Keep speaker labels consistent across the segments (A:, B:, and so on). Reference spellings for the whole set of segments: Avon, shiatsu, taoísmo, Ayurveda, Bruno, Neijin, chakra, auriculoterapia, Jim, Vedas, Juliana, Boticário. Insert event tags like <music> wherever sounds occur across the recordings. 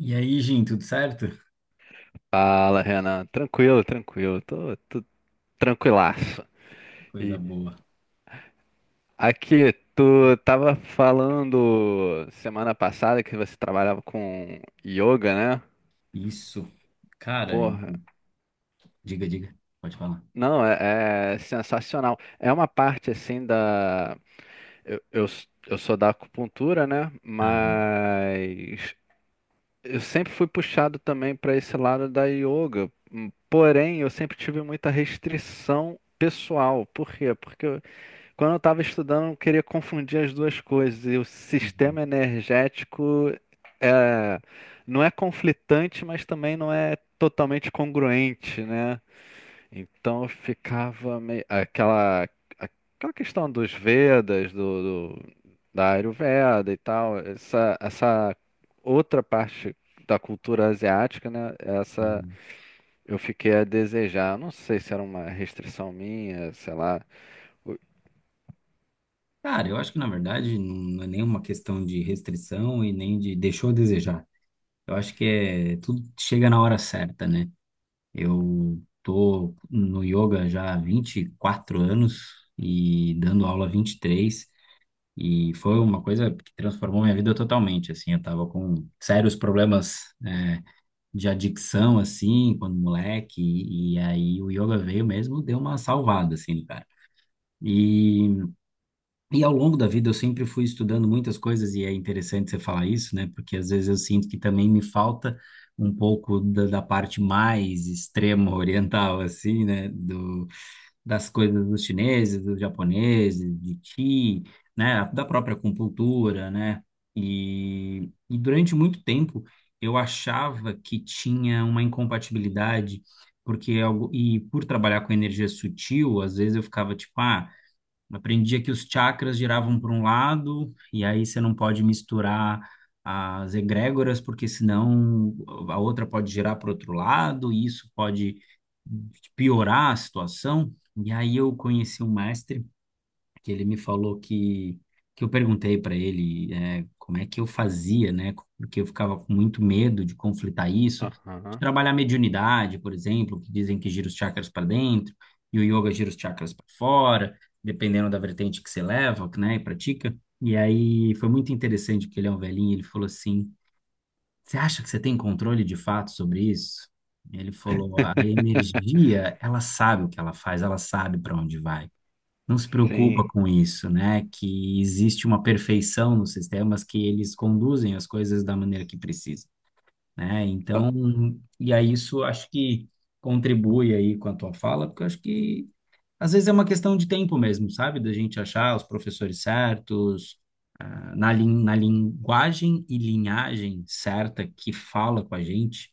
A: E aí, Jim, tudo certo?
B: Fala, Renan. Tranquilo, tranquilo. Tô tranquilaço.
A: Coisa
B: E
A: boa.
B: aqui, tu tava falando semana passada que você trabalhava com yoga, né?
A: Isso. Cara, eu-
B: Porra,
A: diga, diga. Pode falar.
B: não, é sensacional. É uma parte assim da. Eu, eu, eu sou da acupuntura, né?
A: Ah,
B: Mas eu sempre fui puxado também para esse lado da yoga. Porém, eu sempre tive muita restrição pessoal. Por quê? Porque quando eu estava estudando, eu queria confundir as duas coisas. E o
A: uhum,
B: sistema energético é, não é conflitante, mas também não é totalmente congruente, né? Então eu ficava meio aquela questão dos Vedas, da Ayurveda e tal, essa outra parte da cultura asiática, né? Essa
A: uhum.
B: eu fiquei a desejar. Não sei se era uma restrição minha, sei lá. O-
A: Cara, eu acho que na verdade não é nenhuma questão de restrição e nem de deixou a desejar. Eu acho que é tudo chega na hora certa, né? Eu tô no yoga já há 24 anos e dando aula há 23 e três e foi uma coisa que transformou minha vida totalmente, assim, eu tava com sérios problemas de adicção, assim, quando moleque, e aí o yoga veio mesmo, deu uma salvada, assim, cara. E ao longo da vida eu sempre fui estudando muitas coisas, e é interessante você falar isso, né? Porque às vezes eu sinto que também me falta um pouco da parte mais extrema <laughs> oriental, assim, né? Do, das coisas dos chineses, dos japoneses, de ti, né? Da própria acupuntura, né? E durante muito tempo eu achava que tinha uma incompatibilidade, porque é algo, e por trabalhar com energia sutil, às vezes eu ficava tipo, ah, aprendia que os chakras giravam para um lado, e aí você não pode misturar as egrégoras, porque senão a outra pode girar para outro lado, e isso pode piorar a situação. E aí eu conheci um mestre que ele me falou que eu perguntei para ele como é que eu fazia, né? Porque eu ficava com muito medo de conflitar isso, de
B: Aham.
A: trabalhar mediunidade, por exemplo, que dizem que gira os chakras para dentro e o yoga gira os chakras para fora, dependendo da vertente que você leva, né, e pratica. E aí foi muito interessante porque ele é um velhinho, ele falou assim: "Você acha que você tem controle de fato sobre isso?" Ele falou: "A
B: <laughs>
A: energia, ela sabe o que ela faz, ela sabe para onde vai." Não se preocupa
B: Sim.
A: com isso, né? Que existe uma perfeição nos sistemas que eles conduzem as coisas da maneira que precisa, né? Então, e aí isso acho que contribui aí com a tua fala, porque eu acho que às vezes é uma questão de tempo mesmo, sabe? Da gente achar os professores certos, ah, na linguagem e linhagem certa que fala com a gente,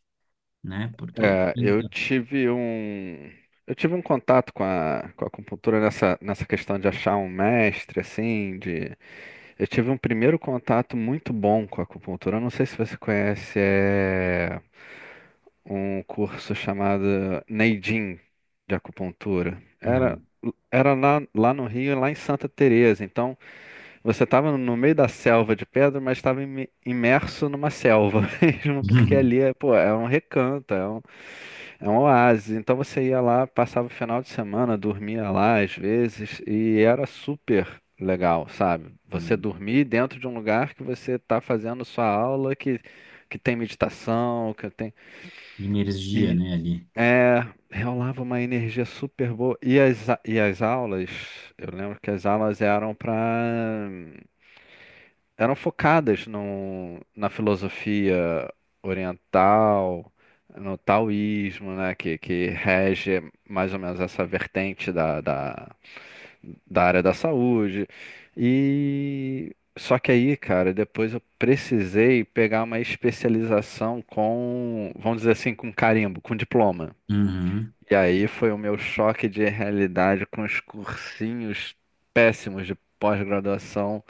A: né? Porque
B: É, eu
A: então,
B: tive um eu tive um contato com a acupuntura nessa questão de achar um mestre assim de eu tive um primeiro contato muito bom com a acupuntura. Eu não sei se você conhece, é um curso chamado Neijin de acupuntura.
A: não,
B: Era lá no Rio, lá em Santa Teresa. Então, você estava no meio da selva de pedra, mas estava imerso numa selva <laughs> mesmo, porque ali
A: <laughs>
B: pô, é um recanto, é um oásis. Então você ia lá, passava o final de semana, dormia lá às vezes, e era super legal, sabe?
A: não é
B: Você dormir dentro de um lugar que você está fazendo sua aula, que tem meditação, que tem.
A: energia,
B: E
A: né, ali.
B: é, rolava uma energia super boa. E as aulas, eu lembro que as aulas eram para eram focadas na filosofia oriental, no taoísmo, né, que rege mais ou menos essa vertente da área da saúde. E só que aí, cara, depois eu precisei pegar uma especialização com, vamos dizer assim, com carimbo, com diploma.
A: Uhum.
B: E aí foi o meu choque de realidade com os cursinhos péssimos de pós-graduação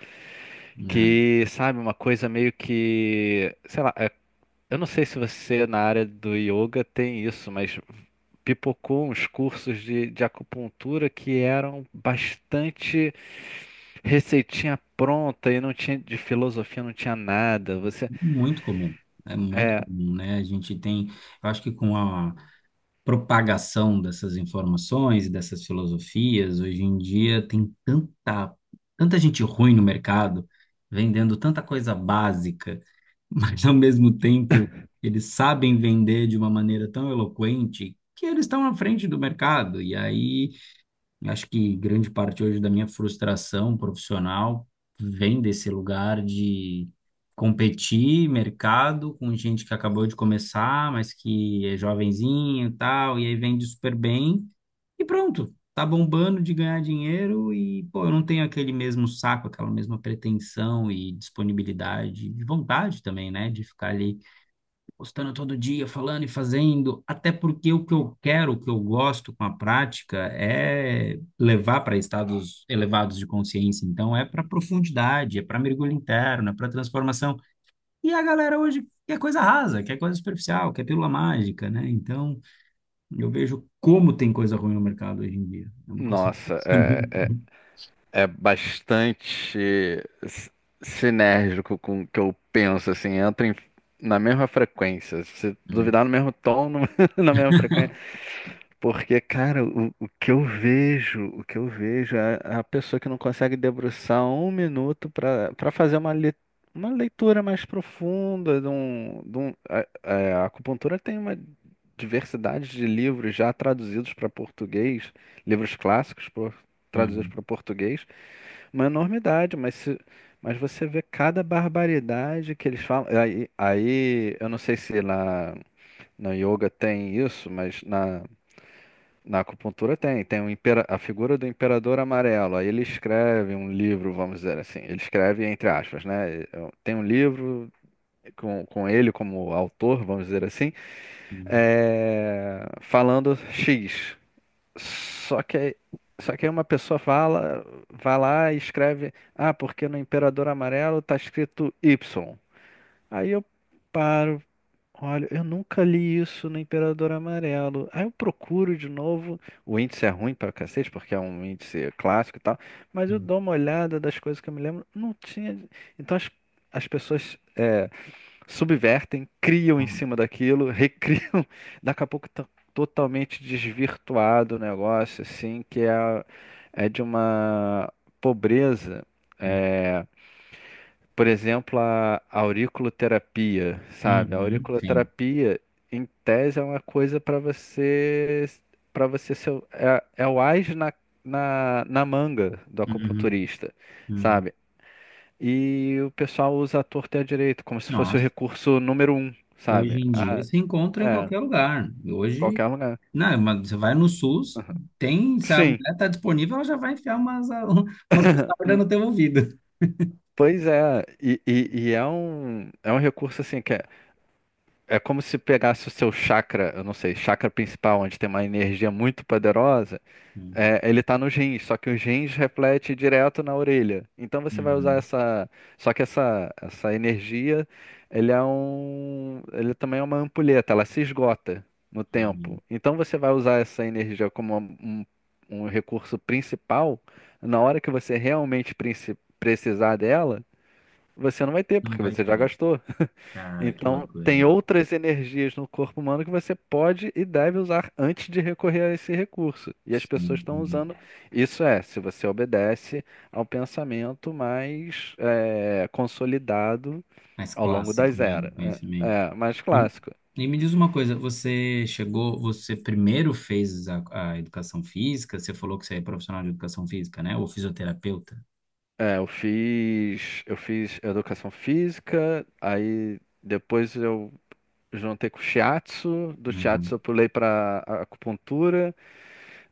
B: que, sabe, uma coisa meio que, sei lá, eu não sei se você na área do yoga tem isso, mas pipocou uns cursos de acupuntura que eram bastante receitinha pronta e não tinha de filosofia, não tinha nada.
A: Muito comum, é muito
B: É,
A: comum, né? A gente tem, eu acho que com a propagação dessas informações e dessas filosofias, hoje em dia tem tanta, tanta gente ruim no mercado, vendendo tanta coisa básica, <laughs> mas ao mesmo tempo eles sabem vender de uma maneira tão eloquente que eles estão à frente do mercado. E aí eu acho que grande parte hoje da minha frustração profissional vem desse lugar de competir mercado com gente que acabou de começar, mas que é jovenzinho e tal, e aí vende super bem e pronto, tá bombando de ganhar dinheiro e pô, eu não tenho aquele mesmo saco, aquela mesma pretensão e disponibilidade, de vontade também, né, de ficar ali postando todo dia, falando e fazendo, até porque o que eu quero, o que eu gosto com a prática é levar para estados elevados de consciência. Então, é para profundidade, é para mergulho interno, é para transformação. E a galera hoje quer coisa rasa, quer coisa superficial, quer pílula mágica, né? Então, eu vejo como tem coisa ruim no mercado hoje em dia. É uma coisa
B: nossa, é,
A: impressionante.
B: é, é bastante s- sinérgico com o que eu penso, assim, entra na mesma frequência. Se
A: Hum,
B: duvidar no mesmo tom, <laughs> na mesma frequência. Porque, cara, o que eu vejo, o que eu vejo é a pessoa que não consegue debruçar um minuto para fazer uma leitura mais profunda. De um, de um- a, a acupuntura tem uma diversidade de livros já traduzidos para português, livros clássicos traduzidos
A: hum,
B: para português, uma enormidade, mas se, mas você vê cada barbaridade que eles falam. Aí eu não sei se na yoga tem isso, mas na acupuntura tem a figura do imperador amarelo. Aí ele escreve um livro, vamos dizer assim. Ele escreve entre aspas, né? Tem um livro com ele como autor, vamos dizer assim,
A: hum,
B: falando X. Só que, só que aí uma pessoa fala, vai lá e escreve, ah, porque no imperador amarelo tá escrito Y. Aí eu paro. Olha, eu nunca li isso no Imperador Amarelo. Aí eu procuro de novo. O índice é ruim pra cacete, porque é um índice clássico e tal. Mas eu
A: hum.
B: dou uma olhada das coisas que eu me lembro. Não tinha. Então as pessoas subvertem, criam em
A: Nossa.
B: cima daquilo, <laughs> recriam. Daqui a pouco tá totalmente desvirtuado o negócio, assim, que é de uma pobreza. é, por exemplo, a auriculoterapia, sabe? A
A: Uhum, sim.
B: auriculoterapia, em tese, é uma coisa para você ser, é o ás na manga do
A: Uhum,
B: acupunturista,
A: uhum.
B: sabe? E o pessoal usa a torta e a direita, como se fosse o
A: Nossa.
B: recurso número um, sabe?
A: Hoje em dia
B: Ah,
A: se encontra em
B: é,
A: qualquer lugar. Hoje,
B: qualquer lugar.
A: não, mas você vai no SUS, tem, se a
B: Sim,
A: mulher está disponível, ela já vai enfiar umas, a- <laughs> umas mostarda
B: n-
A: no teu ouvido.
B: pois é, e é um recurso assim que é. É como se pegasse o seu chakra, eu não sei, chakra principal, onde tem uma energia muito poderosa,
A: Uhum,
B: ele tá nos rins, só que os rins reflete direto na orelha. Então você vai usar
A: uhum,
B: essa. Só que essa energia, ele também é uma ampulheta, ela se esgota no
A: uhum.
B: tempo. Então você vai usar essa energia como um recurso principal, na hora que você realmente precisar dela, você não vai ter,
A: Não
B: porque
A: vai
B: você já
A: ter.
B: gastou.
A: Cara, que
B: Então, tem
A: loucura.
B: outras energias no corpo humano que você pode e deve usar antes de recorrer a esse recurso. E as pessoas
A: Sim,
B: estão
A: entendi.
B: usando. Isso é, se você obedece ao pensamento mais consolidado
A: Mais
B: ao longo
A: clássico,
B: das
A: né, do
B: eras. É,
A: conhecimento.
B: é, mais
A: E,
B: clássico.
A: e me diz uma coisa, você chegou, você primeiro fez a educação física, você falou que você é profissional de educação física, né? Ou fisioterapeuta?
B: É, eu fiz educação física, aí depois eu juntei com o shiatsu, do
A: Uhum.
B: shiatsu eu pulei para acupuntura.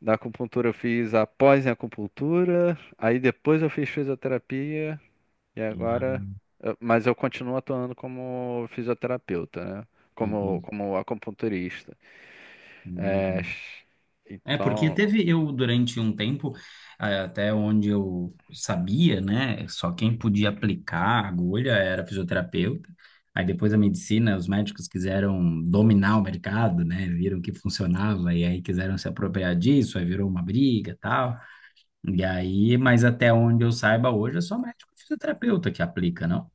B: Da acupuntura eu fiz a em acupuntura, aí depois eu fiz fisioterapia e agora,
A: Ah,
B: mas eu continuo atuando como fisioterapeuta, né? Como,
A: entendi,
B: como acupunturista. É,
A: entendi. É, porque
B: então,
A: teve eu durante um tempo, eh, até onde eu sabia, né? Só quem podia aplicar a agulha era fisioterapeuta. Aí depois a medicina, os médicos quiseram dominar o mercado, né? Viram que funcionava e aí quiseram se apropriar disso, aí virou uma briga e tal. E aí, mas até onde eu saiba hoje é só médico e fisioterapeuta que aplica, não?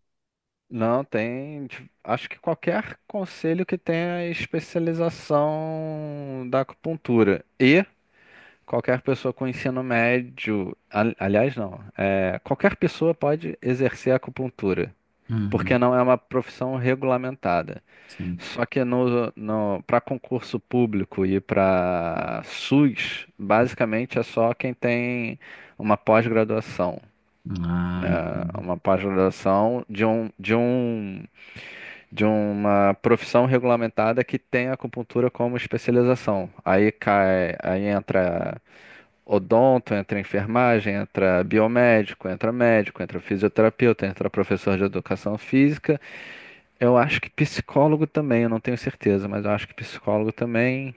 B: não tem, tipo, acho que qualquer conselho que tenha é especialização da acupuntura e qualquer pessoa com ensino médio, aliás, não, qualquer pessoa pode exercer acupuntura, porque
A: Uhum,
B: não é uma profissão regulamentada.
A: sim.
B: Só que no, no, para concurso público e para SUS, basicamente é só quem tem uma pós-graduação.
A: Ah,
B: Né,
A: entendi.
B: uma pós-graduação de uma profissão regulamentada que tem acupuntura como especialização. Aí cai, aí entra odonto, entra enfermagem, entra biomédico, entra médico, entra fisioterapeuta, entra professor de educação física. Eu acho que psicólogo também, eu não tenho certeza, mas eu acho que psicólogo também.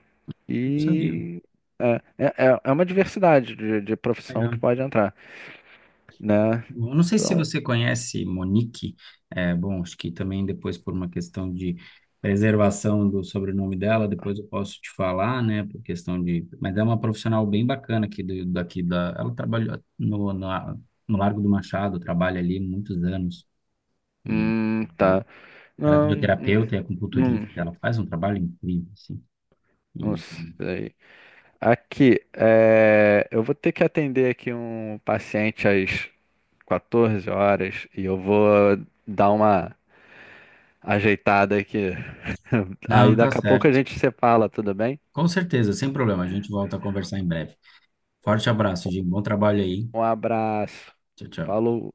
A: Eu não sabia.
B: E é, é, é uma diversidade de profissão que pode entrar, né?
A: Eu não sei se
B: Então,
A: você conhece Monique, é, bom, acho que também depois por uma questão de preservação do sobrenome dela, depois eu posso te falar, né, por questão de... Mas é uma profissional bem bacana aqui do, daqui da... Ela trabalhou no, na- no Largo do Machado, trabalha ali muitos anos, e, e
B: tá.
A: ela é
B: Não,
A: fisioterapeuta, é acupunturista,
B: hum,
A: ela faz um trabalho incrível, assim.
B: não
A: E-
B: sei. Aqui, eu vou ter que atender aqui um paciente às 14 horas e eu vou dar uma ajeitada aqui. <laughs> Aí
A: Não, tá
B: daqui a pouco a
A: certo.
B: gente se fala, tudo bem?
A: Com certeza, sem problema, a gente volta a conversar em breve. Forte abraço, Jim, bom trabalho aí.
B: Um abraço.
A: Tchau, tchau.
B: Falou.